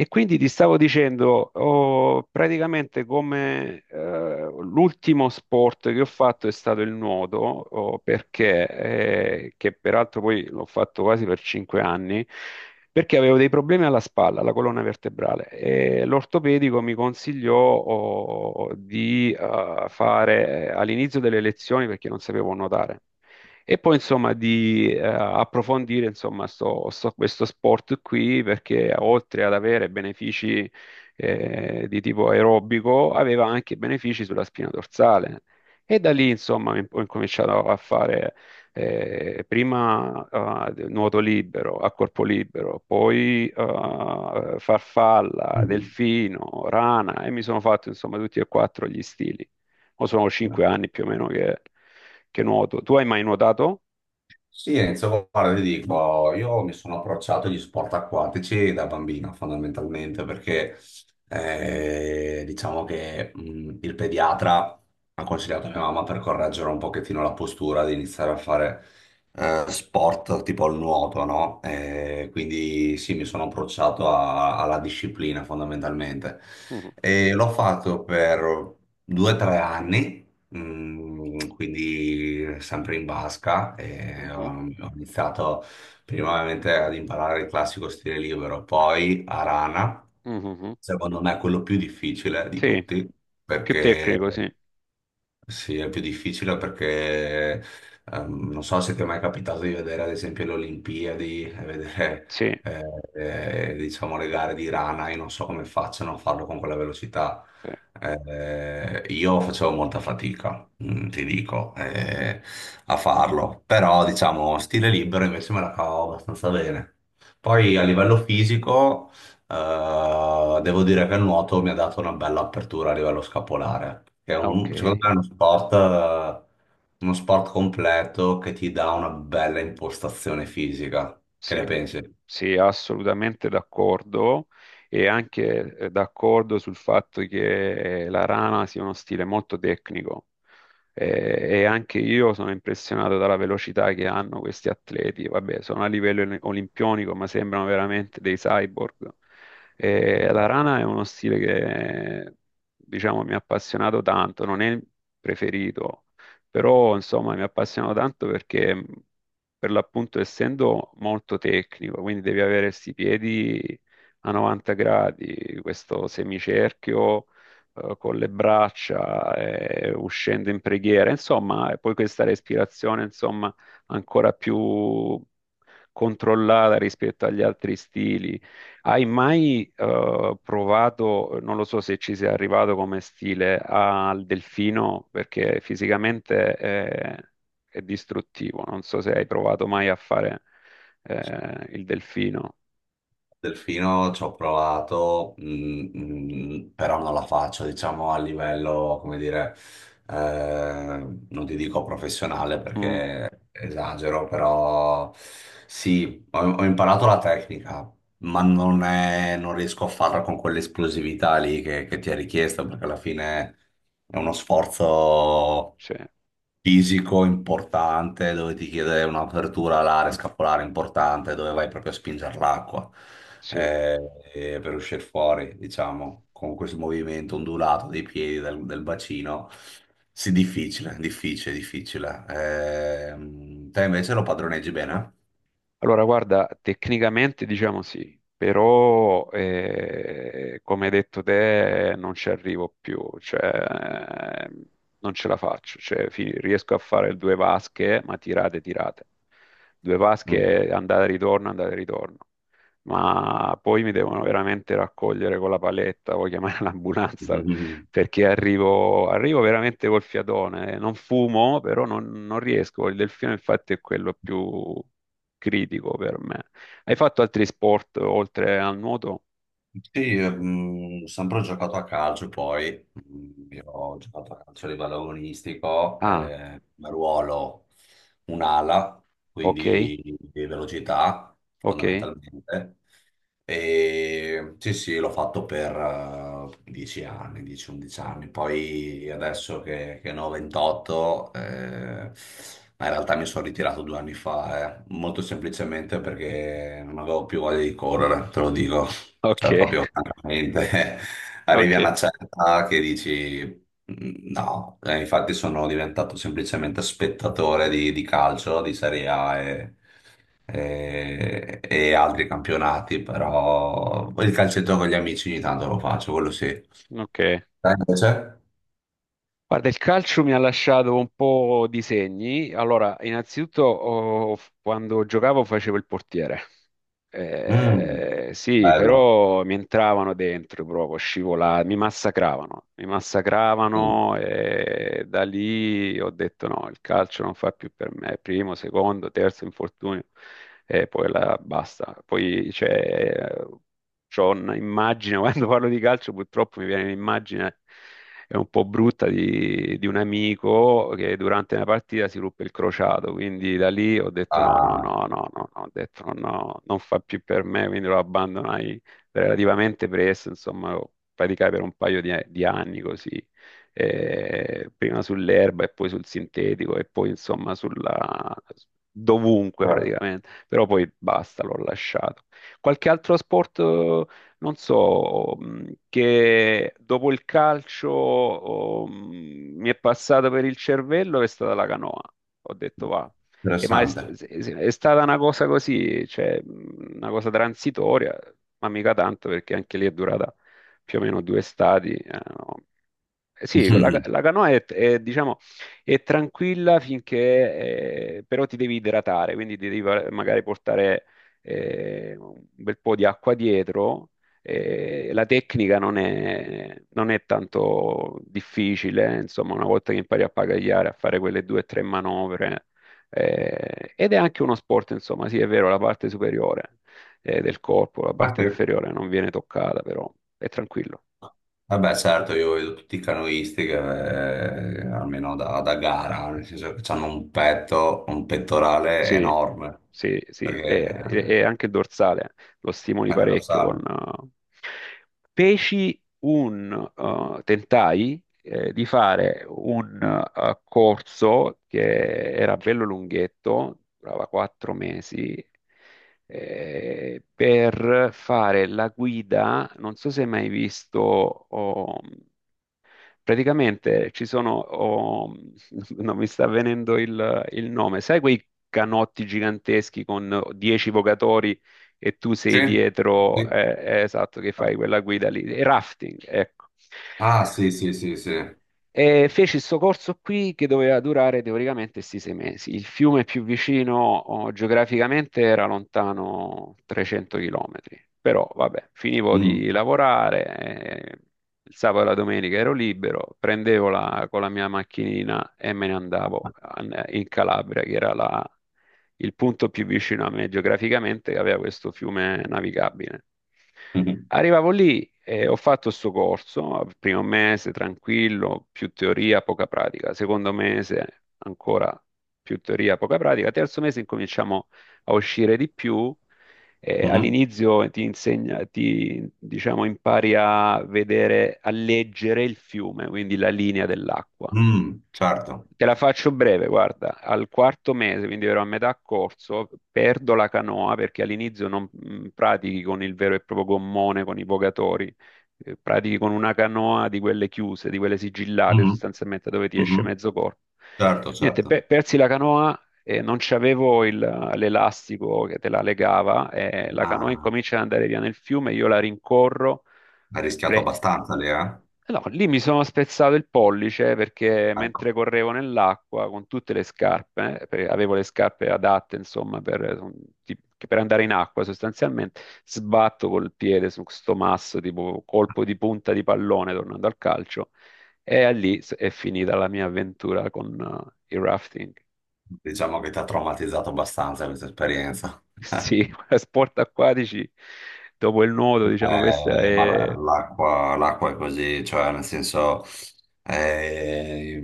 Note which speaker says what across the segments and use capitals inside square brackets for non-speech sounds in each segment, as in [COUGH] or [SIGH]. Speaker 1: E quindi ti stavo dicendo, ho praticamente come l'ultimo sport che ho fatto è stato il nuoto, oh, perché, che peraltro poi l'ho fatto quasi per 5 anni, perché avevo dei problemi alla spalla, alla colonna vertebrale, e l'ortopedico mi consigliò oh, di fare all'inizio delle lezioni perché non sapevo nuotare. E poi insomma di approfondire insomma questo sport qui perché oltre ad avere benefici di tipo aerobico aveva anche benefici sulla spina dorsale. E da lì insomma ho incominciato a fare prima nuoto libero, a corpo libero, poi farfalla,
Speaker 2: Mm.
Speaker 1: delfino, rana e mi sono fatto insomma tutti e quattro gli stili. O sono 5 anni più o meno che nuoto. Tu hai mai nuotato?
Speaker 2: Sì, Enzo, guarda, ti dico, io mi sono approcciato agli sport acquatici da bambino, fondamentalmente, perché diciamo che il pediatra ha consigliato a mia mamma per correggere un pochettino la postura di iniziare a fare sport tipo il nuoto, no? Quindi sì, mi sono approcciato alla disciplina, fondamentalmente.
Speaker 1: Mhm,
Speaker 2: E l'ho fatto per due o tre anni. Mm, quindi sempre in basca e ho,
Speaker 1: mhm,
Speaker 2: ho iniziato prima ovviamente ad imparare il classico stile libero, poi a rana.
Speaker 1: mhm.
Speaker 2: Secondo me è quello più difficile di
Speaker 1: Sì,
Speaker 2: tutti,
Speaker 1: più
Speaker 2: perché
Speaker 1: tecnico, sì.
Speaker 2: sì, è più difficile perché non so se ti è mai capitato di vedere ad esempio le Olimpiadi e vedere
Speaker 1: Sì,
Speaker 2: eh, diciamo le gare di rana, io non so come facciano a farlo con quella velocità.
Speaker 1: sì.
Speaker 2: Io facevo molta fatica, ti dico, a farlo, però diciamo stile libero invece me la cavo abbastanza bene. Poi a livello fisico devo dire che il nuoto mi ha dato una bella apertura a livello scapolare, che è
Speaker 1: Ah, ok,
Speaker 2: secondo me è uno sport completo che ti dà una bella impostazione fisica. Che
Speaker 1: sì.
Speaker 2: ne pensi?
Speaker 1: Sì, assolutamente d'accordo e anche d'accordo sul fatto che la rana sia uno stile molto tecnico. Eh, e anche io sono impressionato dalla velocità che hanno questi atleti. Vabbè, sono a livello olimpionico, ma sembrano veramente dei cyborg. La rana è uno stile che, diciamo, mi ha appassionato tanto, non è il preferito, però insomma mi ha appassionato tanto perché per l'appunto essendo molto tecnico, quindi devi avere questi piedi a 90 gradi, questo semicerchio con le braccia, uscendo in preghiera, insomma, e poi questa respirazione, insomma, ancora più controllata rispetto agli altri stili. Hai mai provato, non lo so se ci sei arrivato come stile, al delfino, perché fisicamente è distruttivo. Non so se hai provato mai a fare il delfino.
Speaker 2: Delfino ci ho provato, però non la faccio, diciamo, a livello, come dire, non ti dico professionale
Speaker 1: Mm,
Speaker 2: perché esagero, però sì, ho imparato la tecnica. Ma non riesco a farla con quell'esplosività lì che ti è richiesta, perché alla fine è uno sforzo
Speaker 1: sì,
Speaker 2: fisico importante dove ti chiede un'apertura alare scapolare importante, dove vai proprio a spingere l'acqua
Speaker 1: sì.
Speaker 2: eh, per uscire fuori, diciamo, con questo movimento ondulato dei piedi del bacino. Sì, difficile, difficile, difficile. Te invece lo padroneggi bene?
Speaker 1: Allora, guarda, tecnicamente diciamo sì, però come hai detto te non ci arrivo più, cioè, non ce la faccio, cioè, riesco a fare due vasche, ma tirate, tirate. Due
Speaker 2: Mm.
Speaker 1: vasche, andata e ritorno, andata e ritorno. Ma poi mi devono veramente raccogliere con la paletta o chiamare [LAUGHS] l'ambulanza
Speaker 2: [LAUGHS]
Speaker 1: perché arrivo, arrivo veramente col fiatone. Non fumo, però non, non riesco. Il delfino, infatti, è quello più critico per me. Hai fatto altri sport oltre al nuoto?
Speaker 2: Sì, ho sempre giocato a calcio, poi io ho giocato a calcio a livello agonistico,
Speaker 1: Ah,
Speaker 2: come ruolo un'ala,
Speaker 1: ok,
Speaker 2: quindi di velocità
Speaker 1: ok,
Speaker 2: fondamentalmente. E sì, sì, l'ho fatto per 10 anni, 10-11 anni, poi adesso che ne ho 28, ma in realtà mi sono ritirato due anni fa, molto semplicemente perché non avevo più voglia di correre, te lo dico. Cioè,
Speaker 1: ok,
Speaker 2: proprio francamente, [LAUGHS]
Speaker 1: [LAUGHS]
Speaker 2: arrivi
Speaker 1: ok,
Speaker 2: a una certa che dici "Mm, no". Infatti sono diventato semplicemente spettatore di calcio, di Serie A e altri campionati, però il calcetto con gli amici ogni tanto lo faccio, quello sì.
Speaker 1: ok.
Speaker 2: Te invece?
Speaker 1: Guarda, il calcio mi ha lasciato un po' di segni. Allora, innanzitutto, oh, quando giocavo facevo il portiere.
Speaker 2: Mm,
Speaker 1: Sì,
Speaker 2: bello.
Speaker 1: però mi entravano dentro proprio, scivolavano, mi
Speaker 2: Mm,
Speaker 1: massacravano e da lì ho detto no, il calcio non fa più per me, primo, secondo, terzo infortunio e poi la, basta. Poi c'è, c'ho un'immagine, [LAUGHS] quando parlo di calcio purtroppo mi viene un'immagine è un po' brutta di un amico che durante una partita si ruppe il crociato, quindi da lì ho detto no, no,
Speaker 2: ah,
Speaker 1: no, no, no, no, ho detto no, no, non fa più per me, quindi lo abbandonai relativamente presto, insomma, lo praticai per un paio di anni così, prima sull'erba e poi sul sintetico e poi insomma sulla... dovunque
Speaker 2: certo.
Speaker 1: praticamente, però poi basta, l'ho lasciato. Qualche altro sport non so, che dopo il calcio oh, mi è passata per il cervello è stata la canoa. Ho detto va. E ma è,
Speaker 2: Interessante.
Speaker 1: è stata una cosa così, cioè una cosa transitoria, ma mica tanto perché anche lì è durata più o meno due estati. No. Sì, la,
Speaker 2: [LAUGHS]
Speaker 1: la canoa è, diciamo, è tranquilla finché, però ti devi idratare, quindi ti devi magari portare un bel po' di acqua dietro. La tecnica non è, non è tanto difficile, insomma, una volta che impari a pagagliare, a fare quelle due o tre manovre, ed è anche uno sport, insomma, sì, è vero, la parte superiore del corpo, la parte
Speaker 2: Ok.
Speaker 1: inferiore non viene toccata, però è tranquillo.
Speaker 2: Vabbè, certo, io vedo tutti i canoisti almeno da gara, nel senso che hanno un petto, un pettorale
Speaker 1: Sì,
Speaker 2: enorme,
Speaker 1: sì, sì,
Speaker 2: perché
Speaker 1: e anche il dorsale lo stimoli
Speaker 2: anche lo
Speaker 1: parecchio con...
Speaker 2: sale.
Speaker 1: Feci un... tentai di fare un corso che era bello lunghetto, durava 4 mesi, per fare la guida, non so se hai mai visto... oh, praticamente ci sono, oh, [LAUGHS] non mi sta venendo il nome, sai quei canotti giganteschi con 10 vogatori e tu
Speaker 2: Sì?
Speaker 1: sei dietro,
Speaker 2: Sì.
Speaker 1: esatto, che fai quella guida lì, e rafting, ecco.
Speaker 2: Ah, sì, sì, sì, sì.
Speaker 1: E feci questo corso qui che doveva durare teoricamente sti 6 mesi. Il fiume più vicino oh, geograficamente era lontano 300 km, però vabbè, finivo
Speaker 2: Mm,
Speaker 1: di lavorare, eh, il sabato e la domenica ero libero, prendevo con la mia macchinina e me ne andavo in Calabria, che era il punto più vicino a me geograficamente, che aveva questo fiume navigabile.
Speaker 2: mhm,
Speaker 1: Arrivavo lì e ho fatto sto corso, primo mese tranquillo, più teoria, poca pratica, secondo mese ancora più teoria, poca pratica, terzo mese incominciamo a uscire di più,
Speaker 2: mhm.
Speaker 1: all'inizio ti insegna, ti, diciamo, impari a vedere, a leggere il fiume, quindi la linea dell'acqua.
Speaker 2: Mm, certo.
Speaker 1: Te la faccio breve, guarda, al quarto mese, quindi ero a metà corso, perdo la canoa perché all'inizio non pratichi con il vero e proprio gommone, con i vogatori, pratichi con una canoa di quelle chiuse, di quelle sigillate
Speaker 2: Mhm,
Speaker 1: sostanzialmente dove ti esce
Speaker 2: mhm.
Speaker 1: mezzo corpo.
Speaker 2: Certo,
Speaker 1: Niente,
Speaker 2: certo.
Speaker 1: persi la canoa e non c'avevo l'elastico che te la legava e la canoa
Speaker 2: Ah,
Speaker 1: incomincia ad andare via nel fiume, io la rincorro.
Speaker 2: hai rischiato
Speaker 1: Re-
Speaker 2: abbastanza lì, eh?
Speaker 1: No, lì mi sono spezzato il pollice perché
Speaker 2: Ecco,
Speaker 1: mentre correvo nell'acqua con tutte le scarpe, perché avevo le scarpe adatte, insomma, per, che per andare in acqua sostanzialmente, sbatto col piede su sto masso, tipo colpo di punta di pallone tornando al calcio, e a lì è finita la mia avventura con il rafting. [LAUGHS]
Speaker 2: diciamo che ti ha traumatizzato abbastanza questa esperienza. [LAUGHS]
Speaker 1: Sì, sport acquatici, dopo il nuoto, diciamo, questa
Speaker 2: Ma
Speaker 1: è...
Speaker 2: l'acqua l'acqua è così, cioè nel senso eh,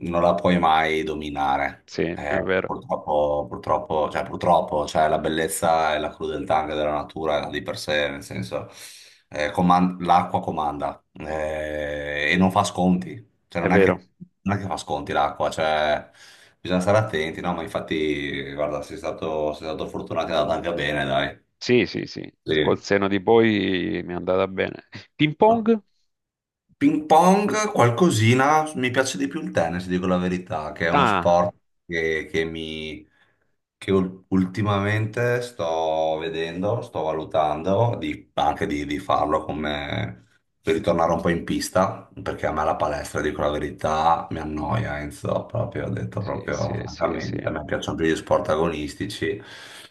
Speaker 2: non la puoi mai dominare.
Speaker 1: Sì, è vero,
Speaker 2: Purtroppo, purtroppo, cioè, la bellezza e la crudeltà anche della natura di per sé, nel senso l'acqua comanda, e non fa sconti, cioè,
Speaker 1: è vero.
Speaker 2: non è che fa sconti l'acqua, cioè, bisogna stare attenti, no? Ma infatti, guarda, sei stato fortunato e è andata anche bene, dai.
Speaker 1: Sì, sì, sì, col
Speaker 2: Sì.
Speaker 1: seno di poi mi è andata bene. Ping pong?
Speaker 2: Ping pong, qualcosina, mi piace di più il tennis, dico la verità, che è uno, ah,
Speaker 1: Ah,
Speaker 2: sport, che che ultimamente sto vedendo, sto valutando anche di farlo come per ritornare un po' in pista, perché a me la palestra, dico la verità, mi annoia, Enzo, proprio, ho detto
Speaker 1: sì, sì,
Speaker 2: proprio
Speaker 1: sì, sì.
Speaker 2: francamente, a me piacciono più gli sport agonistici,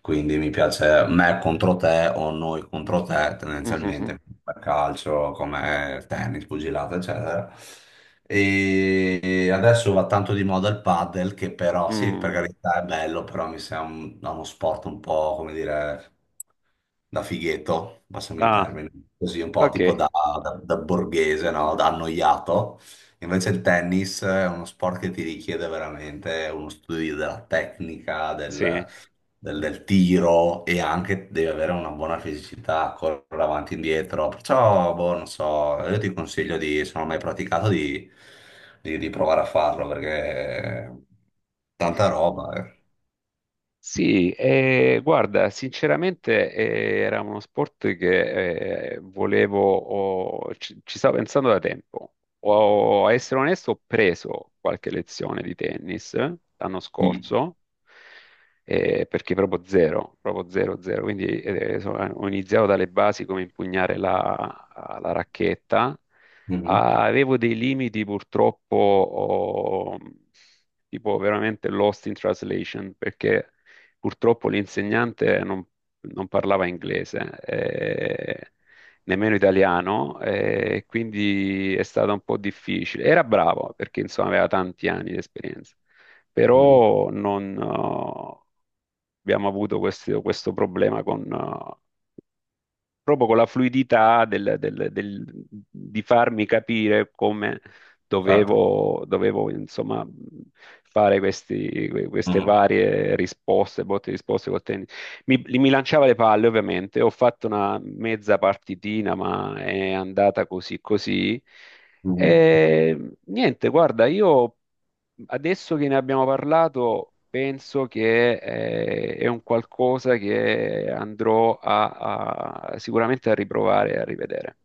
Speaker 2: quindi mi piace me contro te o noi contro te,
Speaker 1: Mhm,
Speaker 2: tendenzialmente, per calcio, come tennis, pugilato, eccetera. E adesso va tanto di moda il paddle, che però, sì,
Speaker 1: mhm.
Speaker 2: per
Speaker 1: Mm.
Speaker 2: carità è bello, però mi sembra un- no, uno sport un po', come dire, da fighetto, passami il
Speaker 1: Ah,
Speaker 2: termine, così un po'
Speaker 1: ok,
Speaker 2: tipo da, da borghese, no? Da annoiato. Invece il tennis è uno sport che ti richiede veramente uno studio della tecnica,
Speaker 1: sì.
Speaker 2: del tiro e anche deve avere una buona fisicità, correre avanti e indietro. Perciò, boh, non so, io ti consiglio di, se non l'hai praticato, di provare a farlo perché tanta roba. Eh.
Speaker 1: Sì, guarda, sinceramente era uno sport che volevo, ci, ci stavo pensando da tempo. Ho, a essere onesto, ho preso qualche lezione di tennis l'anno
Speaker 2: Mm.
Speaker 1: scorso, perché proprio zero, zero. Quindi ho iniziato dalle basi come impugnare la, la racchetta.
Speaker 2: Mhm.
Speaker 1: Ah, avevo dei limiti purtroppo, oh, tipo veramente lost in translation, perché purtroppo l'insegnante non, non parlava inglese, eh, nemmeno italiano, e quindi è stato un po' difficile. Era bravo perché insomma aveva tanti anni di esperienza,
Speaker 2: Mm.
Speaker 1: però non, abbiamo avuto questo, questo problema con, proprio con la fluidità di farmi capire come
Speaker 2: Certo.
Speaker 1: dovevo, dovevo, insomma, fare queste
Speaker 2: Mhm.
Speaker 1: varie risposte, botte e risposte col tennis. Mi, mi lanciava le palle, ovviamente. Ho fatto una mezza partitina, ma è andata così così.
Speaker 2: Mhm.
Speaker 1: E niente, guarda, io adesso che ne abbiamo parlato, penso che è un qualcosa che andrò a, sicuramente a riprovare e a rivedere.